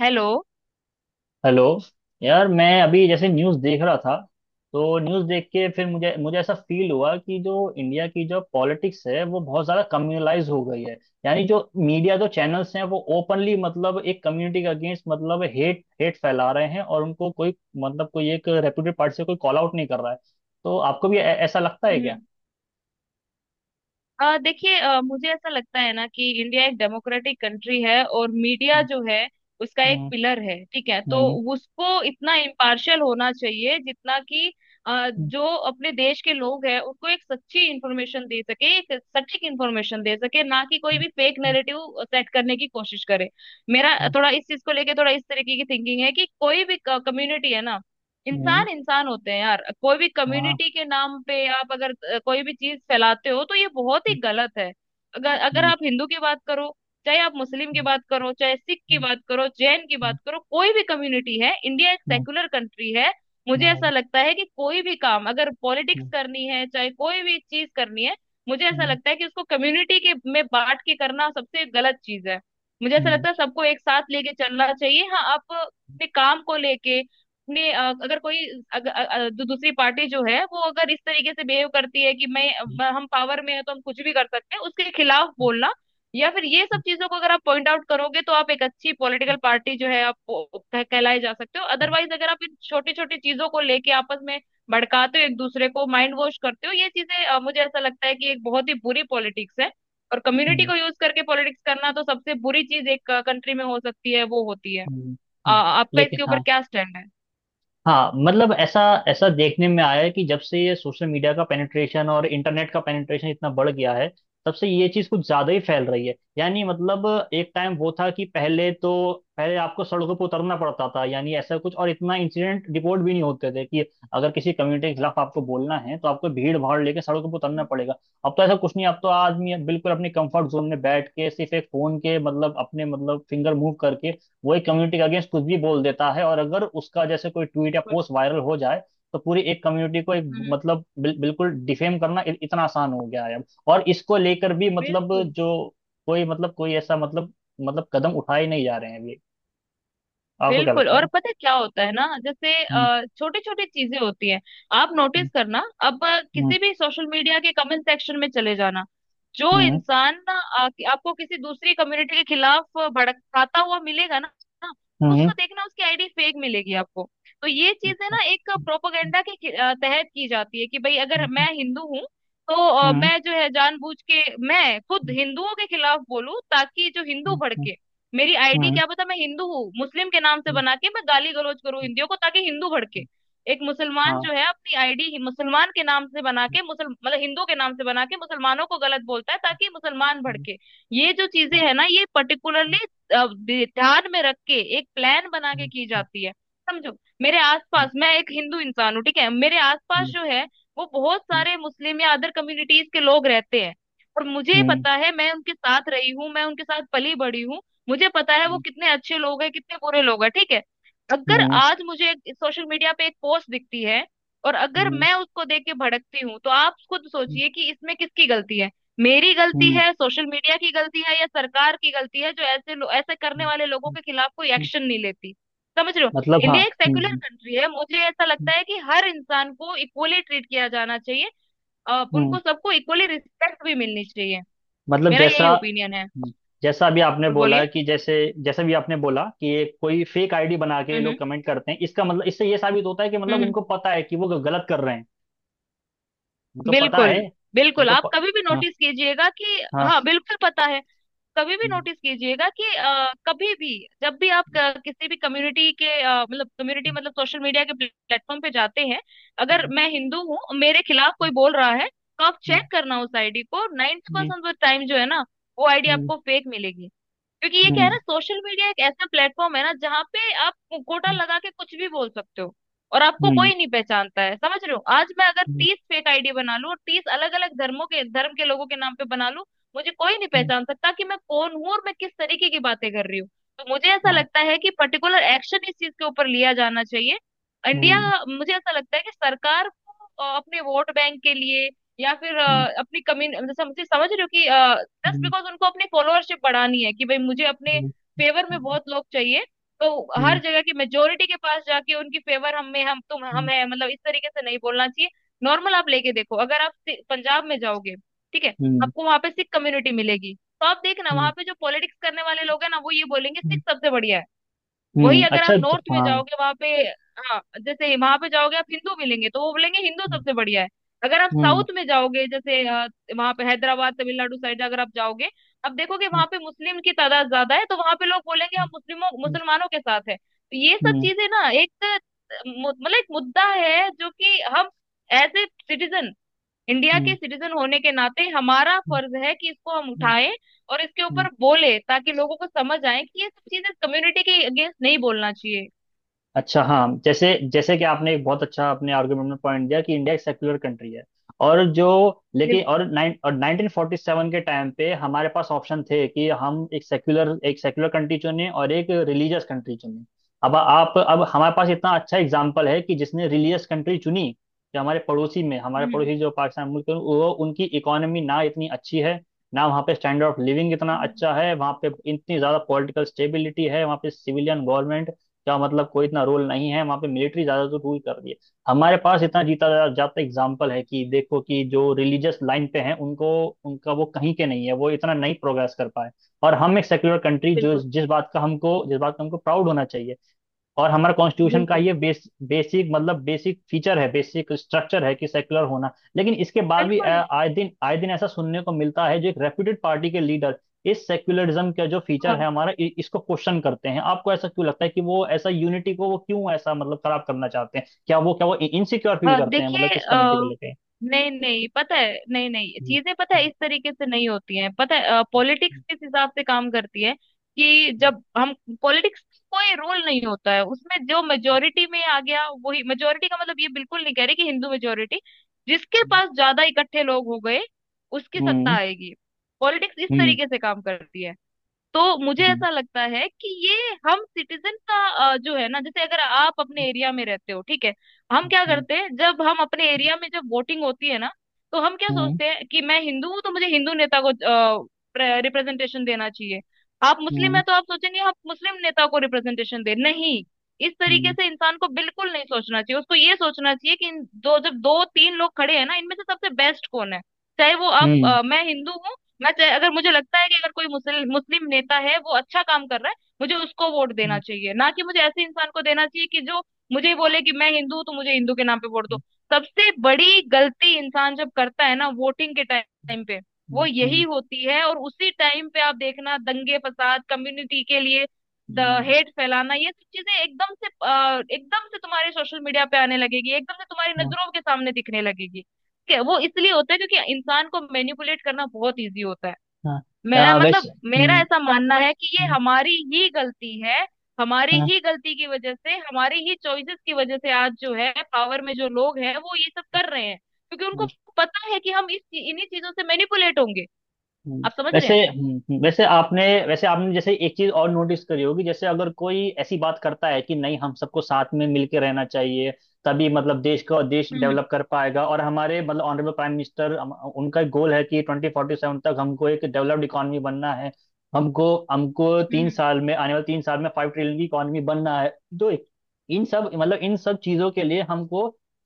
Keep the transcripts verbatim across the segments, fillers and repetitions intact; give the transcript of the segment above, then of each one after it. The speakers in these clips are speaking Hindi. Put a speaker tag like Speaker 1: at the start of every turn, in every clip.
Speaker 1: हेलो।
Speaker 2: हेलो। यार, मैं अभी जैसे न्यूज़ देख रहा था, तो न्यूज़ देख के फिर मुझे मुझे ऐसा फील हुआ कि जो इंडिया की जो पॉलिटिक्स है वो बहुत ज़्यादा कम्युनलाइज हो गई है। यानी, जो मीडिया, जो चैनल्स हैं, वो ओपनली, मतलब एक कम्युनिटी के अगेंस्ट, मतलब हेट हेट फैला रहे हैं, और उनको कोई, मतलब कोई एक रेप्यूटेड पार्टी से कोई कॉल आउट नहीं कर रहा है। तो आपको भी ऐ- ऐसा लगता है क्या?
Speaker 1: हम्म। अ, देखिए अ, मुझे ऐसा लगता है ना कि इंडिया एक डेमोक्रेटिक कंट्री है और मीडिया
Speaker 2: हम्म।
Speaker 1: जो है उसका एक पिलर है। ठीक है, तो
Speaker 2: हम्म।
Speaker 1: उसको इतना इम्पार्शियल होना चाहिए जितना कि अ,
Speaker 2: हम्म।
Speaker 1: जो अपने देश के लोग हैं उनको एक सच्ची इंफॉर्मेशन दे सके, एक सटीक इंफॉर्मेशन दे सके, ना कि कोई
Speaker 2: हम्म।
Speaker 1: भी फेक नैरेटिव सेट करने की कोशिश करे। मेरा
Speaker 2: हम्म, हम्म,
Speaker 1: थोड़ा इस चीज को लेके थोड़ा इस तरीके की थिंकिंग है कि कोई भी कम्युनिटी है ना,
Speaker 2: हम्म,
Speaker 1: इंसान इंसान होते हैं यार। कोई भी
Speaker 2: हम्म, हाँ।
Speaker 1: कम्युनिटी के नाम पे आप अगर अ, कोई भी चीज फैलाते हो तो ये बहुत ही
Speaker 2: हम्म।
Speaker 1: गलत है। अगर अगर
Speaker 2: हम्म।
Speaker 1: आप हिंदू की बात करो, चाहे आप मुस्लिम की
Speaker 2: हम्म।
Speaker 1: बात करो, चाहे सिख की
Speaker 2: हम्म।
Speaker 1: बात करो, जैन की बात करो, कोई भी कम्युनिटी है, इंडिया एक
Speaker 2: हम्म।
Speaker 1: सेकुलर कंट्री है। मुझे
Speaker 2: हम्म।
Speaker 1: ऐसा लगता है कि कोई भी काम अगर पॉलिटिक्स
Speaker 2: हम्म,
Speaker 1: करनी है, चाहे कोई भी चीज करनी है, मुझे ऐसा
Speaker 2: हम्म।
Speaker 1: लगता है कि उसको कम्युनिटी के में बांट के करना सबसे गलत चीज है। मुझे ऐसा
Speaker 2: हम्म,
Speaker 1: लगता है सबको एक साथ लेके चलना चाहिए। हाँ, आप अपने काम को लेके अपने अ, अगर कोई अगर, अ, अ, जो दूसरी पार्टी जो है वो अगर इस तरीके से बिहेव करती है कि मैं
Speaker 2: हम्म,
Speaker 1: मैं- हम पावर में है तो हम कुछ भी कर सकते हैं, उसके खिलाफ बोलना या फिर ये सब चीजों को अगर आप पॉइंट आउट करोगे तो आप एक अच्छी पॉलिटिकल पार्टी जो है आप वो- कह, कहलाए जा सकते हो। अदरवाइज अगर आप इन छोटी छोटी चीजों को लेके आपस में भड़काते हो, एक दूसरे को माइंड वॉश करते हो, ये चीजें अ, मुझे ऐसा लगता है कि एक बहुत ही बुरी पॉलिटिक्स है। और कम्युनिटी
Speaker 2: हम्म,
Speaker 1: को यूज करके पॉलिटिक्स करना तो सबसे बुरी चीज एक कंट्री में हो सकती है वो होती है।
Speaker 2: हम्म,
Speaker 1: अ,
Speaker 2: हम्म।
Speaker 1: आपका
Speaker 2: लेकिन
Speaker 1: इसके ऊपर
Speaker 2: हाँ।
Speaker 1: क्या स्टैंड है?
Speaker 2: हाँ, मतलब ऐसा ऐसा देखने में आया है कि जब से ये सोशल मीडिया का पेनिट्रेशन और इंटरनेट का पेनिट्रेशन इतना बढ़ गया है, तब से ये चीज़ कुछ ज़्यादा ही फैल रही है। यानी, मतलब, एक टाइम वो था कि पहले तो, पहले आपको सड़कों पर उतरना पड़ता था। यानी ऐसा कुछ, और इतना इंसिडेंट रिपोर्ट भी नहीं होते थे कि अगर किसी कम्युनिटी के खिलाफ आपको बोलना है, तो आपको भीड़ भाड़ लेके सड़कों पर उतरना पड़ेगा। अब तो ऐसा कुछ नहीं, अब तो आदमी बिल्कुल अपने कंफर्ट जोन में बैठ के, सिर्फ एक फोन के, मतलब अपने, मतलब फिंगर मूव करके वो एक कम्युनिटी के अगेंस्ट कुछ भी बोल देता है। और अगर उसका जैसे कोई ट्वीट या पोस्ट वायरल हो जाए, तो पूरी एक कम्युनिटी को एक,
Speaker 1: हम्म,
Speaker 2: मतलब बिल, बिल्कुल डिफेम करना इ- इतना आसान हो गया है अब। और इसको लेकर भी, मतलब
Speaker 1: बिल्कुल।
Speaker 2: जो कोई, मतलब कोई ऐसा, मतलब, मतलब कदम उठाए नहीं जा रहे हैं अभी। आपको क्या
Speaker 1: बिल्कुल,
Speaker 2: लगता
Speaker 1: और
Speaker 2: है?
Speaker 1: पता है क्या होता है ना, जैसे
Speaker 2: हम्म।
Speaker 1: छोटी छोटी चीजें होती हैं। आप
Speaker 2: हम्म।
Speaker 1: नोटिस करना, अब अ, किसी भी सोशल मीडिया के कमेंट सेक्शन में चले जाना। जो
Speaker 2: हम्म।
Speaker 1: इंसान ना आ, कि- आपको किसी दूसरी कम्युनिटी के खिलाफ अ, भड़काता हुआ मिलेगा ना। ना,
Speaker 2: हम्म, हम्म,
Speaker 1: उसको देखना, उसकी आईडी फेक मिलेगी आपको। तो ये चीजें
Speaker 2: अच्छा।
Speaker 1: ना एक प्रोपोगंडा के खि- अ, तहत की जाती है कि भाई अगर
Speaker 2: हम्म।
Speaker 1: मैं हिंदू हूँ तो अ,
Speaker 2: हम्म।
Speaker 1: मैं जो है जानबूझ के मैं खुद
Speaker 2: हम्म।
Speaker 1: हिंदुओं के खिलाफ बोलूं ताकि जो हिंदू
Speaker 2: हम्म, हम्म,
Speaker 1: भड़के। मेरी आईडी
Speaker 2: हम्म,
Speaker 1: क्या पता, मैं हिंदू हूँ, मुस्लिम के नाम से
Speaker 2: हम्म,
Speaker 1: बना के मैं गाली गलौज करूँ
Speaker 2: हम्म,
Speaker 1: हिंदियों को ताकि हिंदू भड़के। एक मुसलमान
Speaker 2: हाँ।
Speaker 1: जो है अपनी आईडी मुसलमान के नाम से बना
Speaker 2: हम्म,
Speaker 1: के, मुसल मतलब हिंदू के नाम से बना के मुसलमानों को गलत बोलता है ताकि मुसलमान
Speaker 2: हम्म,
Speaker 1: भड़के। ये जो चीजें
Speaker 2: हाँ,
Speaker 1: है ना, ये
Speaker 2: हम्म,
Speaker 1: पर्टिकुलरली ध्यान में रख के एक प्लान बना
Speaker 2: हम्म,
Speaker 1: के की
Speaker 2: हम्म,
Speaker 1: जाती है। समझो, मेरे आसपास, मैं एक हिंदू इंसान हूँ ठीक है, मेरे आसपास
Speaker 2: हम्म,
Speaker 1: जो है वो बहुत सारे मुस्लिम या अदर कम्युनिटीज के लोग रहते हैं। और मुझे
Speaker 2: हम्म,
Speaker 1: पता है, मैं उनके साथ रही हूँ, मैं उनके साथ पली बड़ी हूँ। मुझे पता है वो
Speaker 2: हम्म,
Speaker 1: कितने अच्छे लोग हैं, कितने बुरे लोग हैं, ठीक है। अगर
Speaker 2: हम्म,
Speaker 1: आज मुझे सोशल मीडिया पे एक पोस्ट दिखती है और अगर
Speaker 2: हम्म,
Speaker 1: मैं उसको देख के भड़कती हूँ तो आप खुद सोचिए कि इसमें किसकी गलती है। मेरी गलती
Speaker 2: हम्म।
Speaker 1: है, सोशल मीडिया की गलती है, या सरकार की गलती है जो ऐसे लो, ऐसे करने
Speaker 2: हम्म,
Speaker 1: वाले लोगों के खिलाफ कोई
Speaker 2: हम्म,
Speaker 1: एक्शन नहीं लेती। समझ रहे हो?
Speaker 2: मतलब हाँ।
Speaker 1: इंडिया एक सेक्युलर
Speaker 2: हम्म।
Speaker 1: कंट्री है। मुझे ऐसा
Speaker 2: हम्म,
Speaker 1: लगता है कि हर इंसान को इक्वली ट्रीट किया जाना चाहिए। अ,
Speaker 2: हम्म,
Speaker 1: उनको सबको इक्वली रिस्पेक्ट भी मिलनी चाहिए।
Speaker 2: मतलब
Speaker 1: मेरा
Speaker 2: जैसा,
Speaker 1: यही ओपिनियन है।
Speaker 2: हम्म। जैसा अभी आपने
Speaker 1: बिल्कुल,
Speaker 2: बोला
Speaker 1: बोलिए।
Speaker 2: कि जैसे, जैसा भी आपने बोला कि ये कोई फेक आईडी बना के
Speaker 1: हम्म,
Speaker 2: लोग
Speaker 1: हम्म,
Speaker 2: कमेंट करते हैं, इसका मतलब इससे ये साबित होता है कि, मतलब
Speaker 1: हम्म, हम्म।
Speaker 2: उनको पता है कि वो गलत कर रहे हैं। उनको पता
Speaker 1: बिल्कुल,
Speaker 2: है।
Speaker 1: बिल्कुल,
Speaker 2: उनको
Speaker 1: आप
Speaker 2: प...
Speaker 1: कभी भी
Speaker 2: हाँ।
Speaker 1: नोटिस कीजिएगा कि
Speaker 2: हाँ।
Speaker 1: हाँ बिल्कुल पता है। कभी भी
Speaker 2: हम्म,
Speaker 1: नोटिस कीजिएगा कि अ, कभी भी जब भी आप क- किसी भी कम्युनिटी के अ, मतलब कम्युनिटी मतलब सोशल मीडिया के प्लेटफॉर्म पे जाते हैं, अगर
Speaker 2: हम्म,
Speaker 1: मैं हिंदू हूँ, मेरे खिलाफ कोई बोल रहा है, तो आप चेक करना उस आईडी को, नाइन्टी
Speaker 2: हम्म,
Speaker 1: परसेंट टाइम जो है ना वो आईडी
Speaker 2: हम्म,
Speaker 1: आपको फेक मिलेगी। क्योंकि ये क्या है
Speaker 2: हम्म,
Speaker 1: ना, सोशल मीडिया एक ऐसा प्लेटफॉर्म है ना जहाँ पे आप मुखौटा लगा के कुछ भी बोल सकते हो और आपको
Speaker 2: हम्म,
Speaker 1: कोई नहीं पहचानता है। समझ रहे हो? आज मैं अगर
Speaker 2: हम्म,
Speaker 1: तीस फेक आईडी बना लूं और तीस अलग अलग धर्मों के धर्म के लोगों के नाम पे बना लूं, मुझे कोई नहीं
Speaker 2: हम्म,
Speaker 1: पहचान सकता कि मैं कौन हूँ और मैं किस तरीके की बातें कर रही हूँ। तो मुझे ऐसा
Speaker 2: हाँ,
Speaker 1: लगता है कि पर्टिकुलर एक्शन इस चीज के ऊपर लिया जाना चाहिए। इंडिया,
Speaker 2: हम्म,
Speaker 1: मुझे ऐसा लगता है कि सरकार को अ, अपने वोट बैंक के लिए, या फिर
Speaker 2: हम्म,
Speaker 1: अ, अपनी कम्युनिटी, जैसे मुझे समझ रहे हो कि जस्ट
Speaker 2: हम्म,
Speaker 1: बिकॉज उनको अपनी फॉलोअरशिप बढ़ानी है कि भाई मुझे अपने
Speaker 2: हम्म,
Speaker 1: फेवर में बहुत लोग चाहिए, तो हर
Speaker 2: हम्म,
Speaker 1: जगह की मेजोरिटी के पास जाके उनकी फेवर हम में हम तुम हम है, मतलब इस तरीके से नहीं बोलना चाहिए। नॉर्मल आप लेके देखो, अगर आप सि- पंजाब में जाओगे, ठीक है,
Speaker 2: हम्म,
Speaker 1: आपको वहां पे सिख कम्युनिटी मिलेगी, तो आप देखना वहां
Speaker 2: हम्म,
Speaker 1: पे जो पॉलिटिक्स करने वाले लोग हैं ना वो ये बोलेंगे
Speaker 2: हम्म,
Speaker 1: सिख सबसे बढ़िया है। वही
Speaker 2: हम्म,
Speaker 1: अगर आप
Speaker 2: अच्छा ज-
Speaker 1: नॉर्थ में
Speaker 2: हाँ।
Speaker 1: जाओगे वहां पे, हाँ, जैसे वहां पे जाओगे आप हिंदू मिलेंगे, तो वो बोलेंगे हिंदू
Speaker 2: हम्म।
Speaker 1: सबसे बढ़िया है। अगर आप
Speaker 2: हम्म।
Speaker 1: साउथ में जाओगे, जैसे वहां पे हैदराबाद, तमिलनाडु साइड अगर आप जाओगे, आप देखोगे
Speaker 2: हम्म।
Speaker 1: वहां पे मुस्लिम की तादाद ज्यादा है, तो वहां पे लोग बोलेंगे हम मुस्लिमों
Speaker 2: हम्म।
Speaker 1: मुसलमानों के साथ है। तो ये सब
Speaker 2: हम्म।
Speaker 1: चीजें ना एक अ, मु- मतलब एक मुद्दा है जो कि हम एज ए सिटीजन, इंडिया के
Speaker 2: हम्म।
Speaker 1: सिटीजन होने के नाते हमारा
Speaker 2: हम्म,
Speaker 1: फर्ज है कि इसको हम
Speaker 2: हम्म,
Speaker 1: उठाएं और इसके ऊपर
Speaker 2: हम्म,
Speaker 1: बोले ताकि लोगों को समझ आए कि ये सब चीजें कम्युनिटी के अगेंस्ट नहीं बोलना चाहिए।
Speaker 2: अच्छा हाँ, जैसे, जैसे कि आपने एक बहुत अच्छा अपने आर्गुमेंट में पॉइंट दिया कि इंडिया एक सेक्युलर कंट्री है। और जो, लेकिन
Speaker 1: बिल्कुल,
Speaker 2: और नाइन और नाइनटीन फोर्टी सेवन के टाइम पे हमारे पास ऑप्शन थे कि हम एक सेक्युलर एक सेक्युलर कंट्री चुने और एक रिलीजियस कंट्री चुने। अब आप अब हमारे पास
Speaker 1: बिल्कुल।
Speaker 2: इतना अच्छा एग्जाम्पल है कि जिसने रिलीजियस कंट्री चुनी, जो हमारे पड़ोसी में हमारे
Speaker 1: हम्म,
Speaker 2: पड़ोसी जो पाकिस्तान मुल्क है, वो उनकी इकोनॉमी ना इतनी अच्छी है, ना वहाँ पे स्टैंडर्ड ऑफ लिविंग इतना
Speaker 1: हम्म,
Speaker 2: अच्छा है, वहाँ पे इतनी ज़्यादा पॉलिटिकल स्टेबिलिटी है, वहाँ पे सिविलियन गवर्नमेंट क्या, मतलब कोई इतना रोल नहीं है, वहां पे मिलिट्री ज्यादा तो रूल कर रही है। हमारे पास इतना जीता जा- जाता एग्जाम्पल है कि देखो कि जो रिलीजियस लाइन पे हैं, उनको, उनका वो कहीं के नहीं है, वो इतना नहीं प्रोग्रेस कर पाए। और हम एक सेक्युलर कंट्री, जो,
Speaker 1: बिल्कुल,
Speaker 2: जिस बात का हमको जिस बात का हमको प्राउड होना चाहिए। और हमारा कॉन्स्टिट्यूशन का
Speaker 1: बिल्कुल,
Speaker 2: ये बेस, बेसिक, मतलब बेसिक फीचर है, बेसिक स्ट्रक्चर है कि सेक्युलर होना। लेकिन इसके बाद भी
Speaker 1: बिल्कुल।
Speaker 2: अ, आए दिन आए दिन ऐसा सुनने को मिलता है, जो एक रेप्यूटेड पार्टी के लीडर इस सेक्युलरिज्म का जो फीचर है
Speaker 1: हाँ,
Speaker 2: हमारा, इ- इसको क्वेश्चन करते हैं। आपको ऐसा क्यों लगता है कि वो ऐसा यूनिटी को, वो क्यों ऐसा, मतलब खराब करना चाहते हैं? क्या वो क्या वो इनसिक्योर फील
Speaker 1: अ,
Speaker 2: करते हैं, मतलब
Speaker 1: देखिए,
Speaker 2: किस कम्युनिटी को
Speaker 1: अ,
Speaker 2: लेके?
Speaker 1: नहीं नहीं पता है, नहीं नहीं
Speaker 2: हम्म।
Speaker 1: चीजें, पता है इस तरीके से नहीं होती हैं। पता है पॉलिटिक्स किस हिसाब से काम करती है कि जब हम, पॉलिटिक्स, कोई रोल नहीं होता है उसमें, जो मेजोरिटी में आ गया वही। मेजोरिटी का मतलब ये बिल्कुल नहीं कह रही कि हिंदू मेजोरिटी, जिसके पास ज्यादा इकट्ठे लोग हो गए उसकी सत्ता
Speaker 2: हम्म।
Speaker 1: आएगी। पॉलिटिक्स इस
Speaker 2: हम्म।
Speaker 1: तरीके से काम करती है। तो मुझे
Speaker 2: हम्म।
Speaker 1: ऐसा लगता है कि ये हम सिटीजन का अ, जो है ना, जैसे अगर आप अपने एरिया में रहते हो, ठीक है, हम क्या
Speaker 2: हम्म।
Speaker 1: करते हैं जब हम अपने एरिया में जब वोटिंग होती है ना, तो हम क्या
Speaker 2: हम्म।
Speaker 1: सोचते हैं कि मैं हिंदू हूँ तो मुझे हिंदू नेता को रिप्रेजेंटेशन देना चाहिए। आप मुस्लिम
Speaker 2: हम्म।
Speaker 1: है तो आप सोचेंगे आप मुस्लिम नेता को रिप्रेजेंटेशन दे। नहीं, इस तरीके
Speaker 2: हम्म।
Speaker 1: से इंसान को बिल्कुल नहीं सोचना चाहिए, उसको ये सोचना चाहिए कि इन दो जब दो तीन लोग खड़े हैं ना इनमें से सबसे बेस्ट कौन है। चाहे वो, आप,
Speaker 2: हम्म।
Speaker 1: अ, मैं हिंदू हूँ, मैं चाहे- अगर मुझे लगता है कि अगर कोई मुस्लिम मुस्लिम नेता है वो अच्छा काम कर रहा है, मुझे उसको वोट देना
Speaker 2: हम्म।
Speaker 1: चाहिए, ना कि मुझे ऐसे इंसान को देना चाहिए कि जो मुझे ही बोले कि मैं हिंदू हूं तो मुझे हिंदू के नाम पे वोट दो। सबसे बड़ी गलती इंसान जब करता है ना वोटिंग के टाइम पे वो यही
Speaker 2: हम्म।
Speaker 1: होती है। और उसी टाइम पे आप देखना दंगे फसाद, कम्युनिटी के लिए द
Speaker 2: हम्म।
Speaker 1: हेट फैलाना, ये सब चीजें एकदम से अ, एकदम से तुम्हारे सोशल मीडिया पे आने लगेगी, एकदम से तुम्हारी
Speaker 2: हम्म।
Speaker 1: नजरों के सामने दिखने लगेगी है। वो इसलिए होता है क्योंकि इंसान को मैनिपुलेट करना बहुत इजी होता है।
Speaker 2: हाँ।
Speaker 1: मैं
Speaker 2: आ, वैसे,
Speaker 1: मतलब मेरा
Speaker 2: हम्म,
Speaker 1: ऐसा मानना है कि ये
Speaker 2: हम्म,
Speaker 1: हमारी ही गलती है। हमारी
Speaker 2: हाँ,
Speaker 1: ही गलती की वजह से, हमारी ही चॉइसेस की वजह से आज जो है पावर में जो लोग हैं वो ये सब कर रहे हैं, क्योंकि उनको पता है कि हम इस इन्हीं चीजों से मैनिपुलेट होंगे।
Speaker 2: हम्म,
Speaker 1: आप समझ रहे
Speaker 2: वैसे,
Speaker 1: हैं?
Speaker 2: हम्म, हम्म, वैसे आपने वैसे आपने जैसे एक चीज और नोटिस करी होगी, जैसे अगर कोई ऐसी बात करता है कि नहीं, हम सबको साथ में मिलके रहना चाहिए, तभी, मतलब देश का देश
Speaker 1: हम्म,
Speaker 2: डेवलप कर पाएगा, और हमारे, मतलब ऑनरेबल प्राइम मिनिस्टर, उनका गोल है कि ट्वेंटी फोर्टी सेवन तक हमको एक डेवलप्ड इकोनॉमी बनना है। हमको हमको तीन
Speaker 1: हम्म,
Speaker 2: साल में, आने वाले तीन साल में फाइव ट्रिलियन की इकोनॉमी बनना है। तो इन सब, मतलब इन सब चीजों के लिए हमको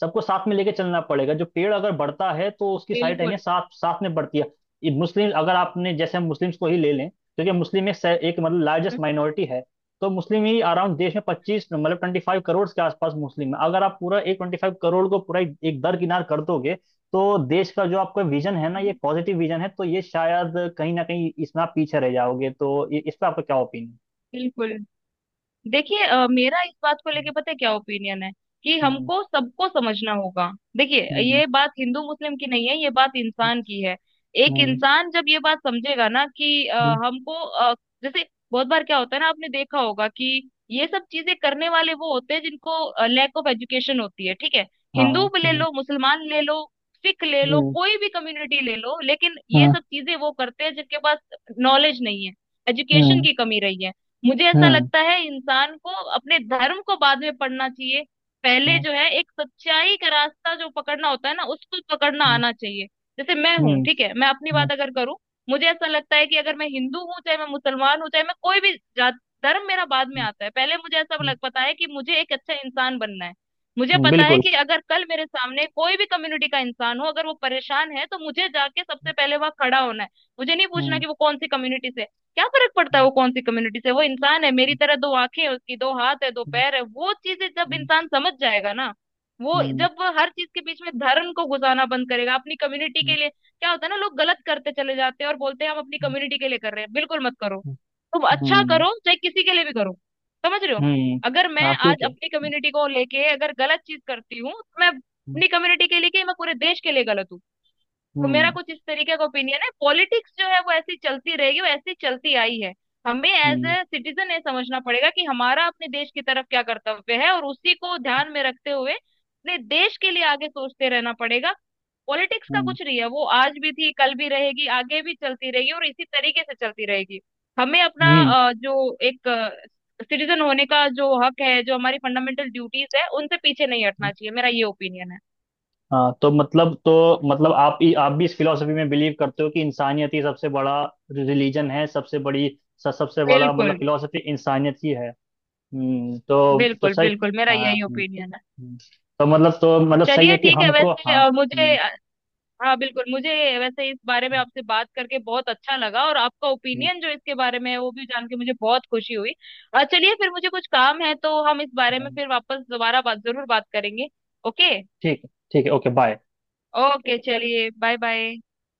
Speaker 2: सबको साथ में लेके चलना पड़ेगा। जो पेड़ अगर बढ़ता है, तो उसकी सारी टहनियाँ
Speaker 1: बिल्कुल।
Speaker 2: साथ साथ में बढ़ती है। ये मुस्लिम, अगर आपने, जैसे हम मुस्लिम्स को ही ले लें, क्योंकि मुस्लिम एक, एक मतलब लार्जेस्ट
Speaker 1: हम्म,
Speaker 2: माइनॉरिटी है, तो मुस्लिम ही अराउंड देश में पच्चीस, मतलब ट्वेंटी फाइव करोड़ के आसपास मुस्लिम है। अगर आप पूरा एक ट्वेंटी फाइव करोड़ को पूरा एक एक दरकिनार कर दोगे, तो देश का जो आपका विजन है ना,
Speaker 1: हम्म,
Speaker 2: ये पॉजिटिव विजन है, तो ये शायद कहीं ना कहीं इसमें आप पीछे रह जाओगे। तो ये- इस पर आपका क्या ओपिनियन?
Speaker 1: बिल्कुल। देखिए अ, मेरा इस बात को लेके पता है क्या ओपिनियन है, कि
Speaker 2: हम्म।
Speaker 1: हमको सबको समझना होगा। देखिए
Speaker 2: हम्म।
Speaker 1: ये बात हिंदू मुस्लिम की नहीं है, ये बात इंसान की है। एक
Speaker 2: हम्म।
Speaker 1: इंसान जब ये बात समझेगा ना कि अ,
Speaker 2: हम्म,
Speaker 1: हमको अ, जैसे, बहुत बार क्या होता है ना आपने देखा होगा कि ये सब चीजें करने वाले वो होते हैं जिनको लैक ऑफ एजुकेशन होती है, ठीक है।
Speaker 2: हाँ।
Speaker 1: हिंदू भी ले
Speaker 2: हम्म।
Speaker 1: लो, मुसलमान ले लो, सिख ले लो,
Speaker 2: हम्म।
Speaker 1: कोई भी कम्युनिटी ले लो, लेकिन ये
Speaker 2: हाँ,
Speaker 1: सब चीजें वो करते हैं जिनके पास नॉलेज नहीं है, एजुकेशन
Speaker 2: हम्म।
Speaker 1: की कमी रही है। मुझे ऐसा
Speaker 2: हम्म।
Speaker 1: लगता है इंसान को अपने धर्म को बाद में पढ़ना चाहिए, पहले
Speaker 2: हम्म।
Speaker 1: जो है एक सच्चाई का रास्ता जो पकड़ना होता है ना उसको पकड़ना आना चाहिए। जैसे मैं
Speaker 2: हम्म।
Speaker 1: हूँ, ठीक है, मैं अपनी
Speaker 2: हम्म,
Speaker 1: बात अगर करूँ, मुझे ऐसा लगता है कि अगर मैं हिंदू हूँ, चाहे मैं मुसलमान हूँ, चाहे मैं कोई भी जात, धर्म मेरा बाद में आता है, पहले मुझे ऐसा
Speaker 2: हम्म,
Speaker 1: लग पता है कि मुझे एक अच्छा इंसान बनना है। मुझे
Speaker 2: हम्म,
Speaker 1: पता है
Speaker 2: बिल्कुल।
Speaker 1: कि अगर कल मेरे सामने कोई भी कम्युनिटी का इंसान हो, अगर वो परेशान है तो मुझे जाके सबसे पहले वहां खड़ा होना है, मुझे नहीं पूछना कि वो कौन सी कम्युनिटी से है। क्या फर्क पड़ता है
Speaker 2: हम्म।
Speaker 1: वो कौन सी कम्युनिटी से, वो इंसान है मेरी तरह, दो आंखें हैं उसकी, दो हाथ है, दो
Speaker 2: हम्म।
Speaker 1: पैर है। वो चीजें जब इंसान समझ जाएगा ना, वो
Speaker 2: हम्म।
Speaker 1: जब वो हर चीज के बीच में धर्म को घुसाना बंद करेगा। अपनी कम्युनिटी
Speaker 2: हम्म।
Speaker 1: के लिए, क्या होता है ना, लोग गलत करते चले जाते हैं और बोलते हैं हम अपनी कम्युनिटी के लिए कर रहे हैं, बिल्कुल मत करो। तुम अच्छा
Speaker 2: हम्म,
Speaker 1: करो, चाहे किसी के लिए भी करो। समझ रहे हो?
Speaker 2: हम्म,
Speaker 1: अगर मैं
Speaker 2: हाँ, क्यों
Speaker 1: आज
Speaker 2: के,
Speaker 1: अपनी कम्युनिटी को लेके अगर गलत चीज करती हूँ तो मैं
Speaker 2: हम्म।
Speaker 1: अपनी कम्युनिटी के लिए क्या, मैं पूरे देश के लिए गलत हूँ। तो मेरा
Speaker 2: हम्म।
Speaker 1: कुछ इस तरीके का ओपिनियन है। पॉलिटिक्स जो है वो ऐसी चलती रहेगी, वो ऐसी चलती आई है। हमें एज
Speaker 2: हम्म।
Speaker 1: ए सिटीजन ये समझना पड़ेगा कि हमारा अपने देश की तरफ क्या कर्तव्य है और उसी को ध्यान में रखते हुए अपने देश के लिए आगे सोचते रहना पड़ेगा। पॉलिटिक्स का
Speaker 2: हम्म।
Speaker 1: कुछ नहीं है, वो आज भी थी, कल भी रहेगी, आगे भी चलती रहेगी और इसी तरीके से चलती रहेगी। हमें अपना
Speaker 2: हम्म।
Speaker 1: अ, जो एक सिटीजन होने का जो हक है, जो हमारी फंडामेंटल ड्यूटीज है, उनसे पीछे नहीं हटना चाहिए। मेरा ये ओपिनियन है।
Speaker 2: हाँ, तो मतलब तो मतलब आप ही, आप भी इस फिलोसफी में बिलीव करते हो कि इंसानियत ही सबसे बड़ा रिलीजन है, सबसे बड़ी, स- सबसे बड़ा, मतलब
Speaker 1: बिल्कुल,
Speaker 2: फिलोसफी इंसानियत ही है। हम्म, तो तो
Speaker 1: बिल्कुल,
Speaker 2: सही।
Speaker 1: बिल्कुल, मेरा
Speaker 2: हाँ,
Speaker 1: यही
Speaker 2: हम्म,
Speaker 1: ओपिनियन है।
Speaker 2: हम्म। तो मतलब तो मतलब सही
Speaker 1: चलिए
Speaker 2: है कि
Speaker 1: ठीक है,
Speaker 2: हमको,
Speaker 1: वैसे
Speaker 2: हाँ।
Speaker 1: अ, मुझे,
Speaker 2: हम्म,
Speaker 1: हाँ बिल्कुल मुझे, वैसे इस बारे में
Speaker 2: हम्म,
Speaker 1: आपसे बात करके बहुत अच्छा लगा, और आपका
Speaker 2: हम्म,
Speaker 1: ओपिनियन जो इसके बारे में है वो भी जान के मुझे बहुत खुशी हुई। अ, चलिए फिर, मुझे कुछ काम है तो हम इस बारे में
Speaker 2: हम्म।
Speaker 1: फिर वापस दोबारा बात जरूर बात करेंगे। ओके।
Speaker 2: ठीक है, ठीक है, ओके, बाय।
Speaker 1: ओके चलिए, बाय बाय।